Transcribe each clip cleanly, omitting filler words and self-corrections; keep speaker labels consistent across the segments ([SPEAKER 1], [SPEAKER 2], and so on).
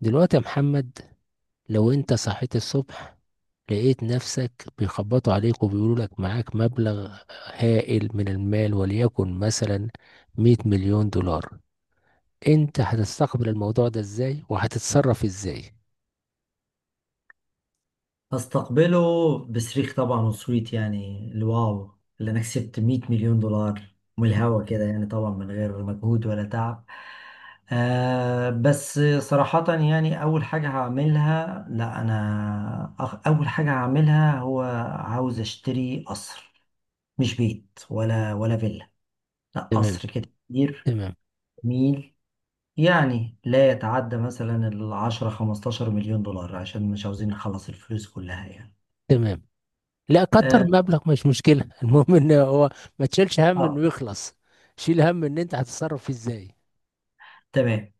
[SPEAKER 1] دلوقتي يا محمد، لو انت صحيت الصبح لقيت نفسك بيخبطوا عليك وبيقولوا لك معاك مبلغ هائل من المال، وليكن مثلا 100 مليون دولار. انت هتستقبل الموضوع ده ازاي وهتتصرف ازاي؟
[SPEAKER 2] هستقبله بصريخ طبعا وصويت، يعني الواو اللي انا كسبت 100 مليون دولار من الهوا كده، يعني طبعا من غير مجهود ولا تعب. بس صراحة يعني أول حاجة هعملها هو عاوز أشتري قصر، مش بيت ولا فيلا، لا
[SPEAKER 1] تمام،
[SPEAKER 2] قصر كده كبير
[SPEAKER 1] تمام،
[SPEAKER 2] جميل. يعني لا يتعدى مثلا العشرة 15 مليون دولار عشان مش عاوزين نخلص الفلوس كلها يعني.
[SPEAKER 1] تمام. لا كتر
[SPEAKER 2] آه,
[SPEAKER 1] مبلغ مش مشكلة المهم ان هو ما تشيلش هم انه
[SPEAKER 2] آه
[SPEAKER 1] يخلص. شيل هم ان انت هتتصرف فيه ازاي.
[SPEAKER 2] تمام.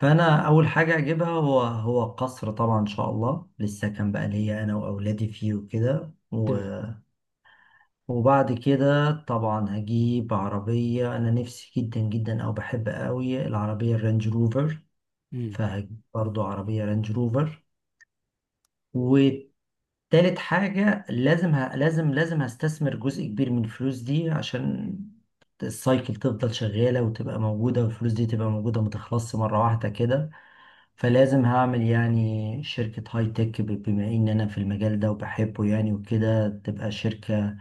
[SPEAKER 2] فانا اول حاجه اجيبها هو قصر طبعا ان شاء الله، للسكن بقى ليا انا واولادي فيه وكده.
[SPEAKER 1] تمام.
[SPEAKER 2] وبعد كده طبعا هجيب عربيه انا نفسي جدا جدا، او بحب قوي العربيه الرانج روفر.
[SPEAKER 1] امم.
[SPEAKER 2] فهجيب برضو عربيه رانج روفر. تالت حاجة لازم هستثمر جزء كبير من الفلوس دي، عشان السايكل تفضل شغالة وتبقى موجودة والفلوس دي تبقى موجودة متخلصش مرة واحدة كده. فلازم هعمل يعني شركة هاي تك، بما إن أنا في المجال ده وبحبه يعني وكده تبقى شركة.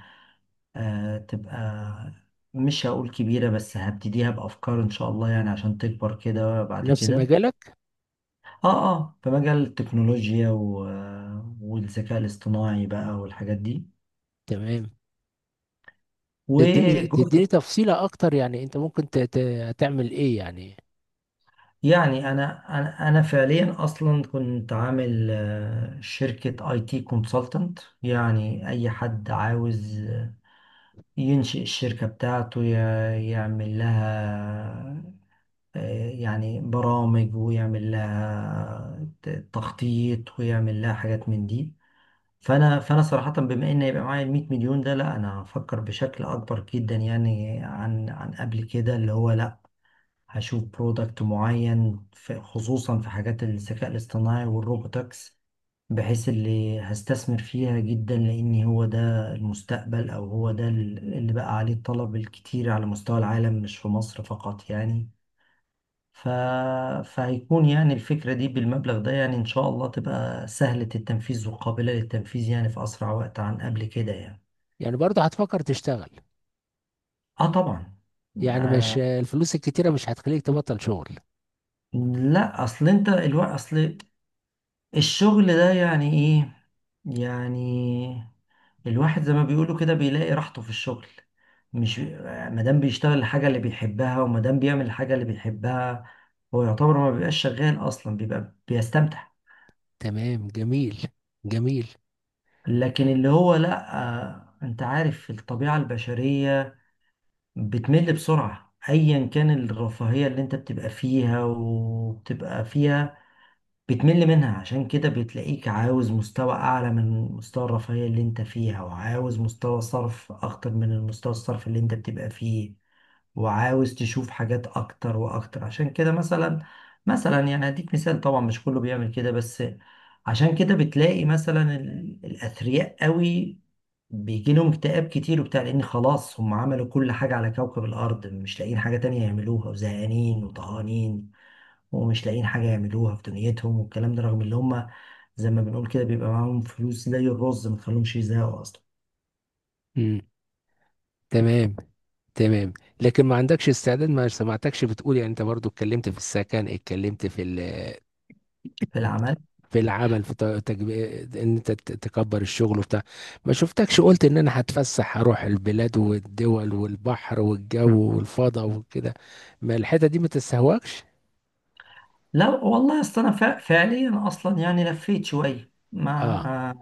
[SPEAKER 2] تبقى مش هقول كبيرة، بس هبتديها بأفكار إن شاء الله يعني عشان تكبر كده بعد
[SPEAKER 1] نفس
[SPEAKER 2] كده.
[SPEAKER 1] مجالك؟
[SPEAKER 2] آه، في مجال التكنولوجيا، والذكاء الاصطناعي بقى والحاجات دي.
[SPEAKER 1] تمام. تديني
[SPEAKER 2] وجزء
[SPEAKER 1] تديني تفصيلة أكتر، يعني أنت ممكن تعمل إيه يعني؟
[SPEAKER 2] يعني انا فعليا اصلا كنت عامل شركه اي تي كونسلتنت. يعني اي حد عاوز ينشئ الشركه بتاعته، يعمل لها يعني برامج، ويعمل لها تخطيط، ويعمل لها حاجات من دي. فانا صراحه بما ان يبقى معايا ال 100 مليون ده، لا انا هفكر بشكل اكبر جدا يعني عن قبل كده. اللي هو، لا، هشوف برودكت معين، في خصوصا في حاجات الذكاء الاصطناعي والروبوتكس، بحيث اللي هستثمر فيها جدا، لأن هو ده المستقبل، أو هو ده اللي بقى عليه الطلب الكتير على مستوى العالم مش في مصر فقط يعني. ف... فهيكون يعني الفكرة دي بالمبلغ ده يعني إن شاء الله تبقى سهلة التنفيذ وقابلة للتنفيذ يعني في أسرع وقت عن قبل كده يعني.
[SPEAKER 1] يعني برضه هتفكر تشتغل؟
[SPEAKER 2] آه طبعا.
[SPEAKER 1] يعني مش
[SPEAKER 2] آه
[SPEAKER 1] الفلوس الكتيرة مش هتخليك تبطل شغل.
[SPEAKER 2] لا أصل أنت الوقت، أصل الشغل ده يعني ايه؟ يعني الواحد زي ما بيقولوا كده بيلاقي راحته في الشغل. مش مادام بيشتغل الحاجة اللي بيحبها، ومادام بيعمل الحاجة اللي بيحبها، هو يعتبر ما بيبقاش شغال أصلا، بيبقى بيستمتع.
[SPEAKER 1] تمام، جميل، جميل.
[SPEAKER 2] لكن اللي هو لأ، أنت عارف الطبيعة البشرية بتمل بسرعة. أيا كان الرفاهية اللي أنت بتبقى فيها وبتبقى فيها بتمل منها، عشان كده بتلاقيك عاوز مستوى أعلى من مستوى الرفاهية اللي أنت فيها، وعاوز مستوى صرف أكتر من المستوى الصرف اللي أنت بتبقى فيه، وعاوز تشوف حاجات أكتر وأكتر. عشان كده مثلا يعني هديك مثال، طبعا مش كله بيعمل كده بس. عشان كده بتلاقي مثلا الأثرياء قوي بيجي لهم اكتئاب كتير وبتاع، لأن خلاص هم عملوا كل حاجة على كوكب الأرض، مش لاقيين حاجة تانية يعملوها، وزهقانين وطهقانين ومش لاقيين حاجة يعملوها في دنيتهم. والكلام ده رغم اللي هم زي ما بنقول كده بيبقى معاهم فلوس زي الرز ما تخليهمش يزهقوا أصلا.
[SPEAKER 1] امم. تمام، تمام. لكن ما عندكش استعداد. ما سمعتكش بتقول، يعني أنت برضه اتكلمت في السكن، اتكلمت في
[SPEAKER 2] في العمل.
[SPEAKER 1] في العمل، في ان انت تكبر الشغل وبتاع. ما شفتكش قلت ان انا هتفسح، هروح البلاد والدول والبحر والجو والفضاء وكده. ما الحتة دي ما تستهواكش؟
[SPEAKER 2] لا والله، أصل أنا فعليا أصلا يعني لفيت شوية
[SPEAKER 1] اه،
[SPEAKER 2] ما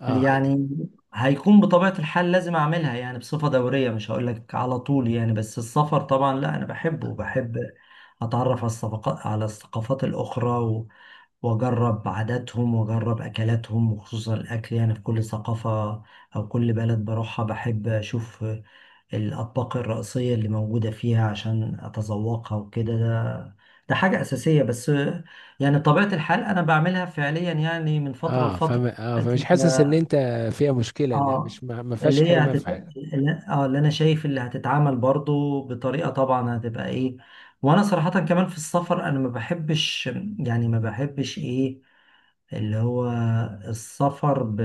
[SPEAKER 1] اه،
[SPEAKER 2] يعني هيكون بطبيعة الحال لازم أعملها يعني بصفة دورية، مش هقول لك على طول يعني، بس السفر طبعا لا أنا بحبه، وبحب أتعرف على الصفقات، على الثقافات الأخرى، واجرب عاداتهم واجرب اكلاتهم، وخصوصا الاكل. يعني في كل ثقافة او كل بلد بروحها بحب اشوف الاطباق الرئيسية اللي موجودة فيها عشان اتذوقها وكده. ده ده حاجة اساسية، بس يعني طبيعة الحال انا بعملها فعليا يعني من فترة
[SPEAKER 1] اه.
[SPEAKER 2] لفترة
[SPEAKER 1] فما اه
[SPEAKER 2] دلوقتي
[SPEAKER 1] فمش
[SPEAKER 2] ف...
[SPEAKER 1] حاسس ان انت فيها مشكلة؟ لا،
[SPEAKER 2] اه
[SPEAKER 1] مش ما فيهاش
[SPEAKER 2] اللي هي
[SPEAKER 1] حرمان في حاجة.
[SPEAKER 2] اه اللي انا شايف اللي هتتعامل برضو بطريقة طبعا هتبقى ايه. وانا صراحة كمان في السفر انا ما بحبش. يعني ما بحبش ايه اللي هو، السفر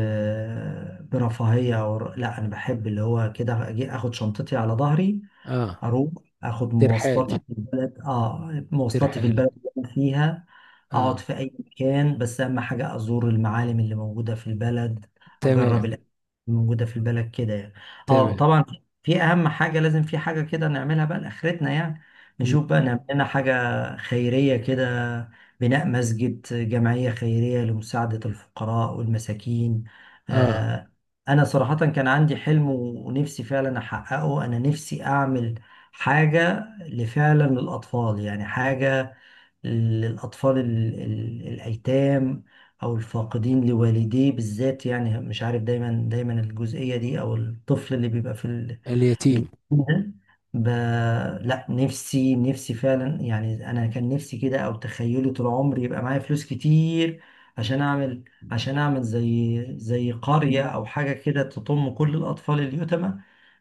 [SPEAKER 2] برفاهية. أو لا، أنا بحب اللي هو كده أجي أخد شنطتي على ظهري،
[SPEAKER 1] اه.
[SPEAKER 2] أروح أخد مواصلاتي
[SPEAKER 1] ترحال،
[SPEAKER 2] في البلد، مواصلاتي في
[SPEAKER 1] ترحال.
[SPEAKER 2] البلد اللي أنا فيها. أقعد
[SPEAKER 1] اه،
[SPEAKER 2] في أي مكان، بس أهم حاجة أزور المعالم اللي موجودة في البلد، أجرب
[SPEAKER 1] تمام،
[SPEAKER 2] الأكل اللي موجودة في البلد كده يعني.
[SPEAKER 1] تمام.
[SPEAKER 2] وطبعا في أهم حاجة، لازم في حاجة كده نعملها بقى لآخرتنا يعني.
[SPEAKER 1] م.
[SPEAKER 2] نشوف بقى نعمل لنا حاجة خيرية كده، بناء مسجد، جمعية خيرية لمساعدة الفقراء والمساكين.
[SPEAKER 1] اه،
[SPEAKER 2] آه، أنا صراحة كان عندي حلم ونفسي فعلا أحققه. أنا نفسي أعمل حاجة لفعلا للأطفال، يعني حاجة للأطفال الأيتام، أو الفاقدين لوالديه بالذات يعني. مش عارف دايما دايما الجزئية دي، أو الطفل اللي بيبقى في اليوم
[SPEAKER 1] اليتيم.
[SPEAKER 2] ده ب... لا، نفسي فعلا يعني، انا كان نفسي كده. او تخيلي طول عمري يبقى معايا فلوس كتير عشان اعمل، عشان اعمل زي قرية او حاجة كده تضم كل الاطفال اليتامى،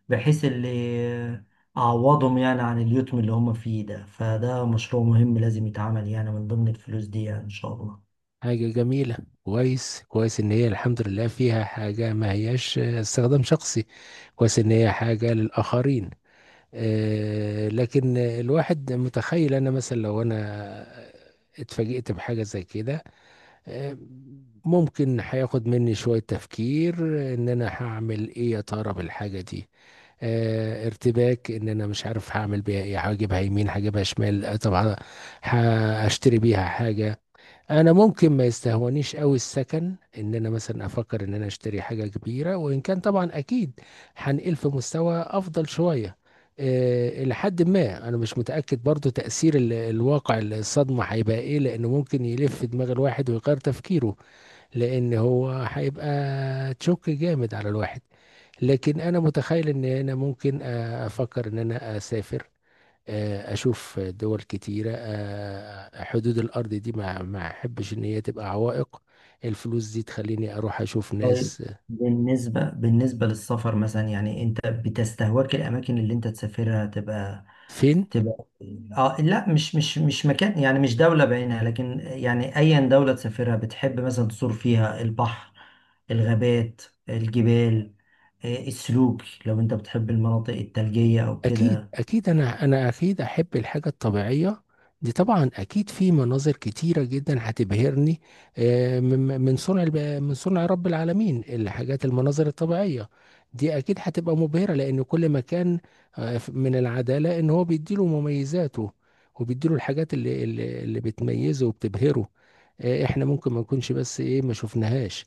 [SPEAKER 2] بحيث اللي اعوضهم يعني عن اليتم اللي هم فيه ده. فده مشروع مهم لازم يتعمل يعني من ضمن الفلوس دي، يعني ان شاء الله.
[SPEAKER 1] حاجة جميلة. كويس، كويس ان هي الحمد لله فيها حاجة ما هياش استخدام شخصي. كويس ان هي حاجة للآخرين. آه، لكن الواحد متخيل انا، مثلا لو انا اتفاجئت بحاجة زي كده. آه ممكن هياخد مني شوية تفكير ان انا هعمل ايه يا ترى بالحاجة دي. ارتباك ان انا مش عارف هعمل بيها ايه، هجيبها يمين هجيبها شمال. طب هشتري بيها حاجة. انا ممكن ما يستهونيش قوي السكن، ان انا مثلا افكر ان انا اشتري حاجه كبيره، وان كان طبعا اكيد هنقل في مستوى افضل شويه. لحد ما انا مش متاكد برضو تاثير الواقع الصدمه هيبقى ايه، لانه ممكن يلف دماغ الواحد ويغير تفكيره، لان هو هيبقى تشوك جامد على الواحد. لكن انا متخيل ان انا ممكن افكر ان انا اسافر، اشوف دول كتيره. حدود الارض دي ما احبش ان هي تبقى عوائق. الفلوس دي تخليني اروح اشوف
[SPEAKER 2] طيب،
[SPEAKER 1] ناس.
[SPEAKER 2] بالنسبة للسفر مثلا يعني، انت بتستهواك الاماكن اللي انت تسافرها تبقى
[SPEAKER 1] فين؟
[SPEAKER 2] تبقى اه لا، مش مكان، يعني مش دولة بعينها، لكن يعني أيا دولة تسافرها بتحب مثلا تزور فيها البحر، الغابات، الجبال، السلوك، لو أنت بتحب المناطق الثلجية أو
[SPEAKER 1] اكيد،
[SPEAKER 2] كده.
[SPEAKER 1] اكيد، انا اكيد احب الحاجه الطبيعيه دي طبعا. اكيد في مناظر كتيره جدا هتبهرني. من صنع رب العالمين. الحاجات المناظر الطبيعيه دي اكيد هتبقى مبهره، لان كل مكان من العداله ان هو بيديله مميزاته، وبيديله الحاجات اللي بتميزه وبتبهره. احنا ممكن ما نكونش، بس ايه، ما شفناهاش.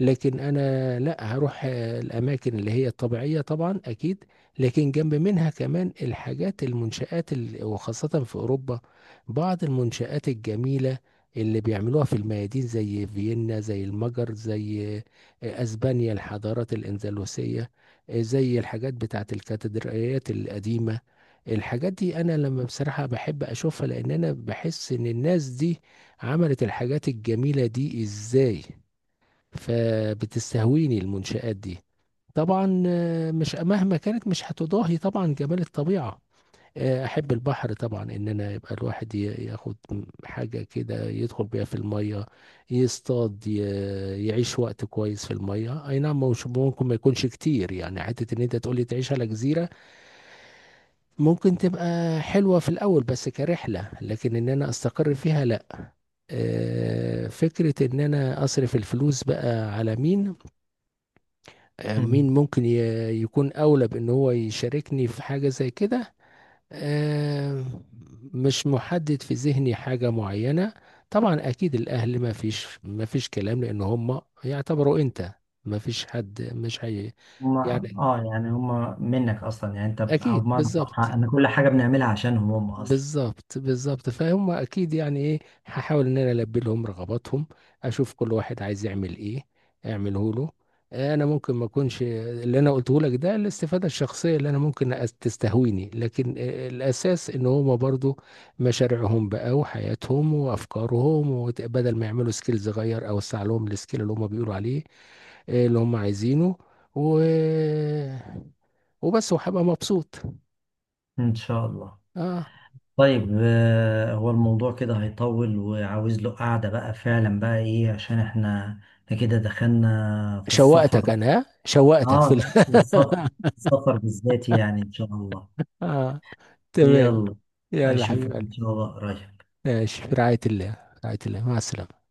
[SPEAKER 1] لكن انا لا هروح الاماكن اللي هي الطبيعيه طبعا اكيد. لكن جنب منها كمان الحاجات المنشآت وخاصه في اوروبا، بعض المنشآت الجميله اللي بيعملوها في الميادين، زي فيينا، زي المجر، زي اسبانيا، الحضارات الاندلسيه. زي الحاجات بتاعت الكاتدرائيات القديمه. الحاجات دي انا لما بصراحه بحب اشوفها، لان انا بحس ان الناس دي عملت الحاجات الجميله دي ازاي. فبتستهويني المنشآت دي. طبعا مش مهما كانت مش هتضاهي طبعا جمال الطبيعة. احب البحر طبعا، ان انا يبقى الواحد ياخد حاجة كده يدخل بيها في المية، يصطاد، يعيش وقت كويس في المية. اي نعم، مش ممكن ما يكونش كتير يعني حتة ان انت تقولي تعيش على جزيرة. ممكن تبقى حلوة في الاول بس كرحلة، لكن ان انا استقر فيها لا. فكرة ان انا اصرف الفلوس بقى على مين،
[SPEAKER 2] مم.
[SPEAKER 1] مين ممكن يكون أولى بأن هو يشاركني في حاجة زي كده. آه، مش محدد في ذهني حاجة معينة. طبعا أكيد الأهل ما فيش كلام، لأن هم يعتبروا أنت ما فيش حد مش هي،
[SPEAKER 2] هما
[SPEAKER 1] يعني
[SPEAKER 2] اه يعني هما منك أصلا، يعني أنت، أو
[SPEAKER 1] أكيد.
[SPEAKER 2] بمعنى صح،
[SPEAKER 1] بالظبط،
[SPEAKER 2] أن كل حاجة بنعملها عشانهم هم أصلا.
[SPEAKER 1] بالظبط، بالظبط. فهم اكيد يعني ايه، هحاول ان انا البي لهم رغباتهم، اشوف كل واحد عايز يعمل ايه اعمله له. انا ممكن ما اكونش اللي انا قلته لك ده الاستفاده الشخصيه اللي انا ممكن تستهويني، لكن الاساس ان هم برضو مشاريعهم بقى وحياتهم وافكارهم بدل ما يعملوا سكيل صغير، او اوسع لهم السكيل اللي هم بيقولوا عليه، اللي هم عايزينه. و وبس، وهبقى مبسوط.
[SPEAKER 2] إن شاء الله.
[SPEAKER 1] اه،
[SPEAKER 2] طيب، هو الموضوع كده هيطول، وعاوز له قعدة بقى فعلا بقى إيه؟ عشان احنا كده دخلنا في
[SPEAKER 1] شوقتك
[SPEAKER 2] السفر.
[SPEAKER 1] انا، ها؟
[SPEAKER 2] اه لا، والسفر، السفر بالذات يعني ان شاء الله.
[SPEAKER 1] اه، تمام.
[SPEAKER 2] يلا.
[SPEAKER 1] يلا
[SPEAKER 2] اشوفك
[SPEAKER 1] حبيب
[SPEAKER 2] ان
[SPEAKER 1] قلبي.
[SPEAKER 2] شاء الله قريب.
[SPEAKER 1] ماشي، في رعاية الله، في رعاية الله، مع السلامة.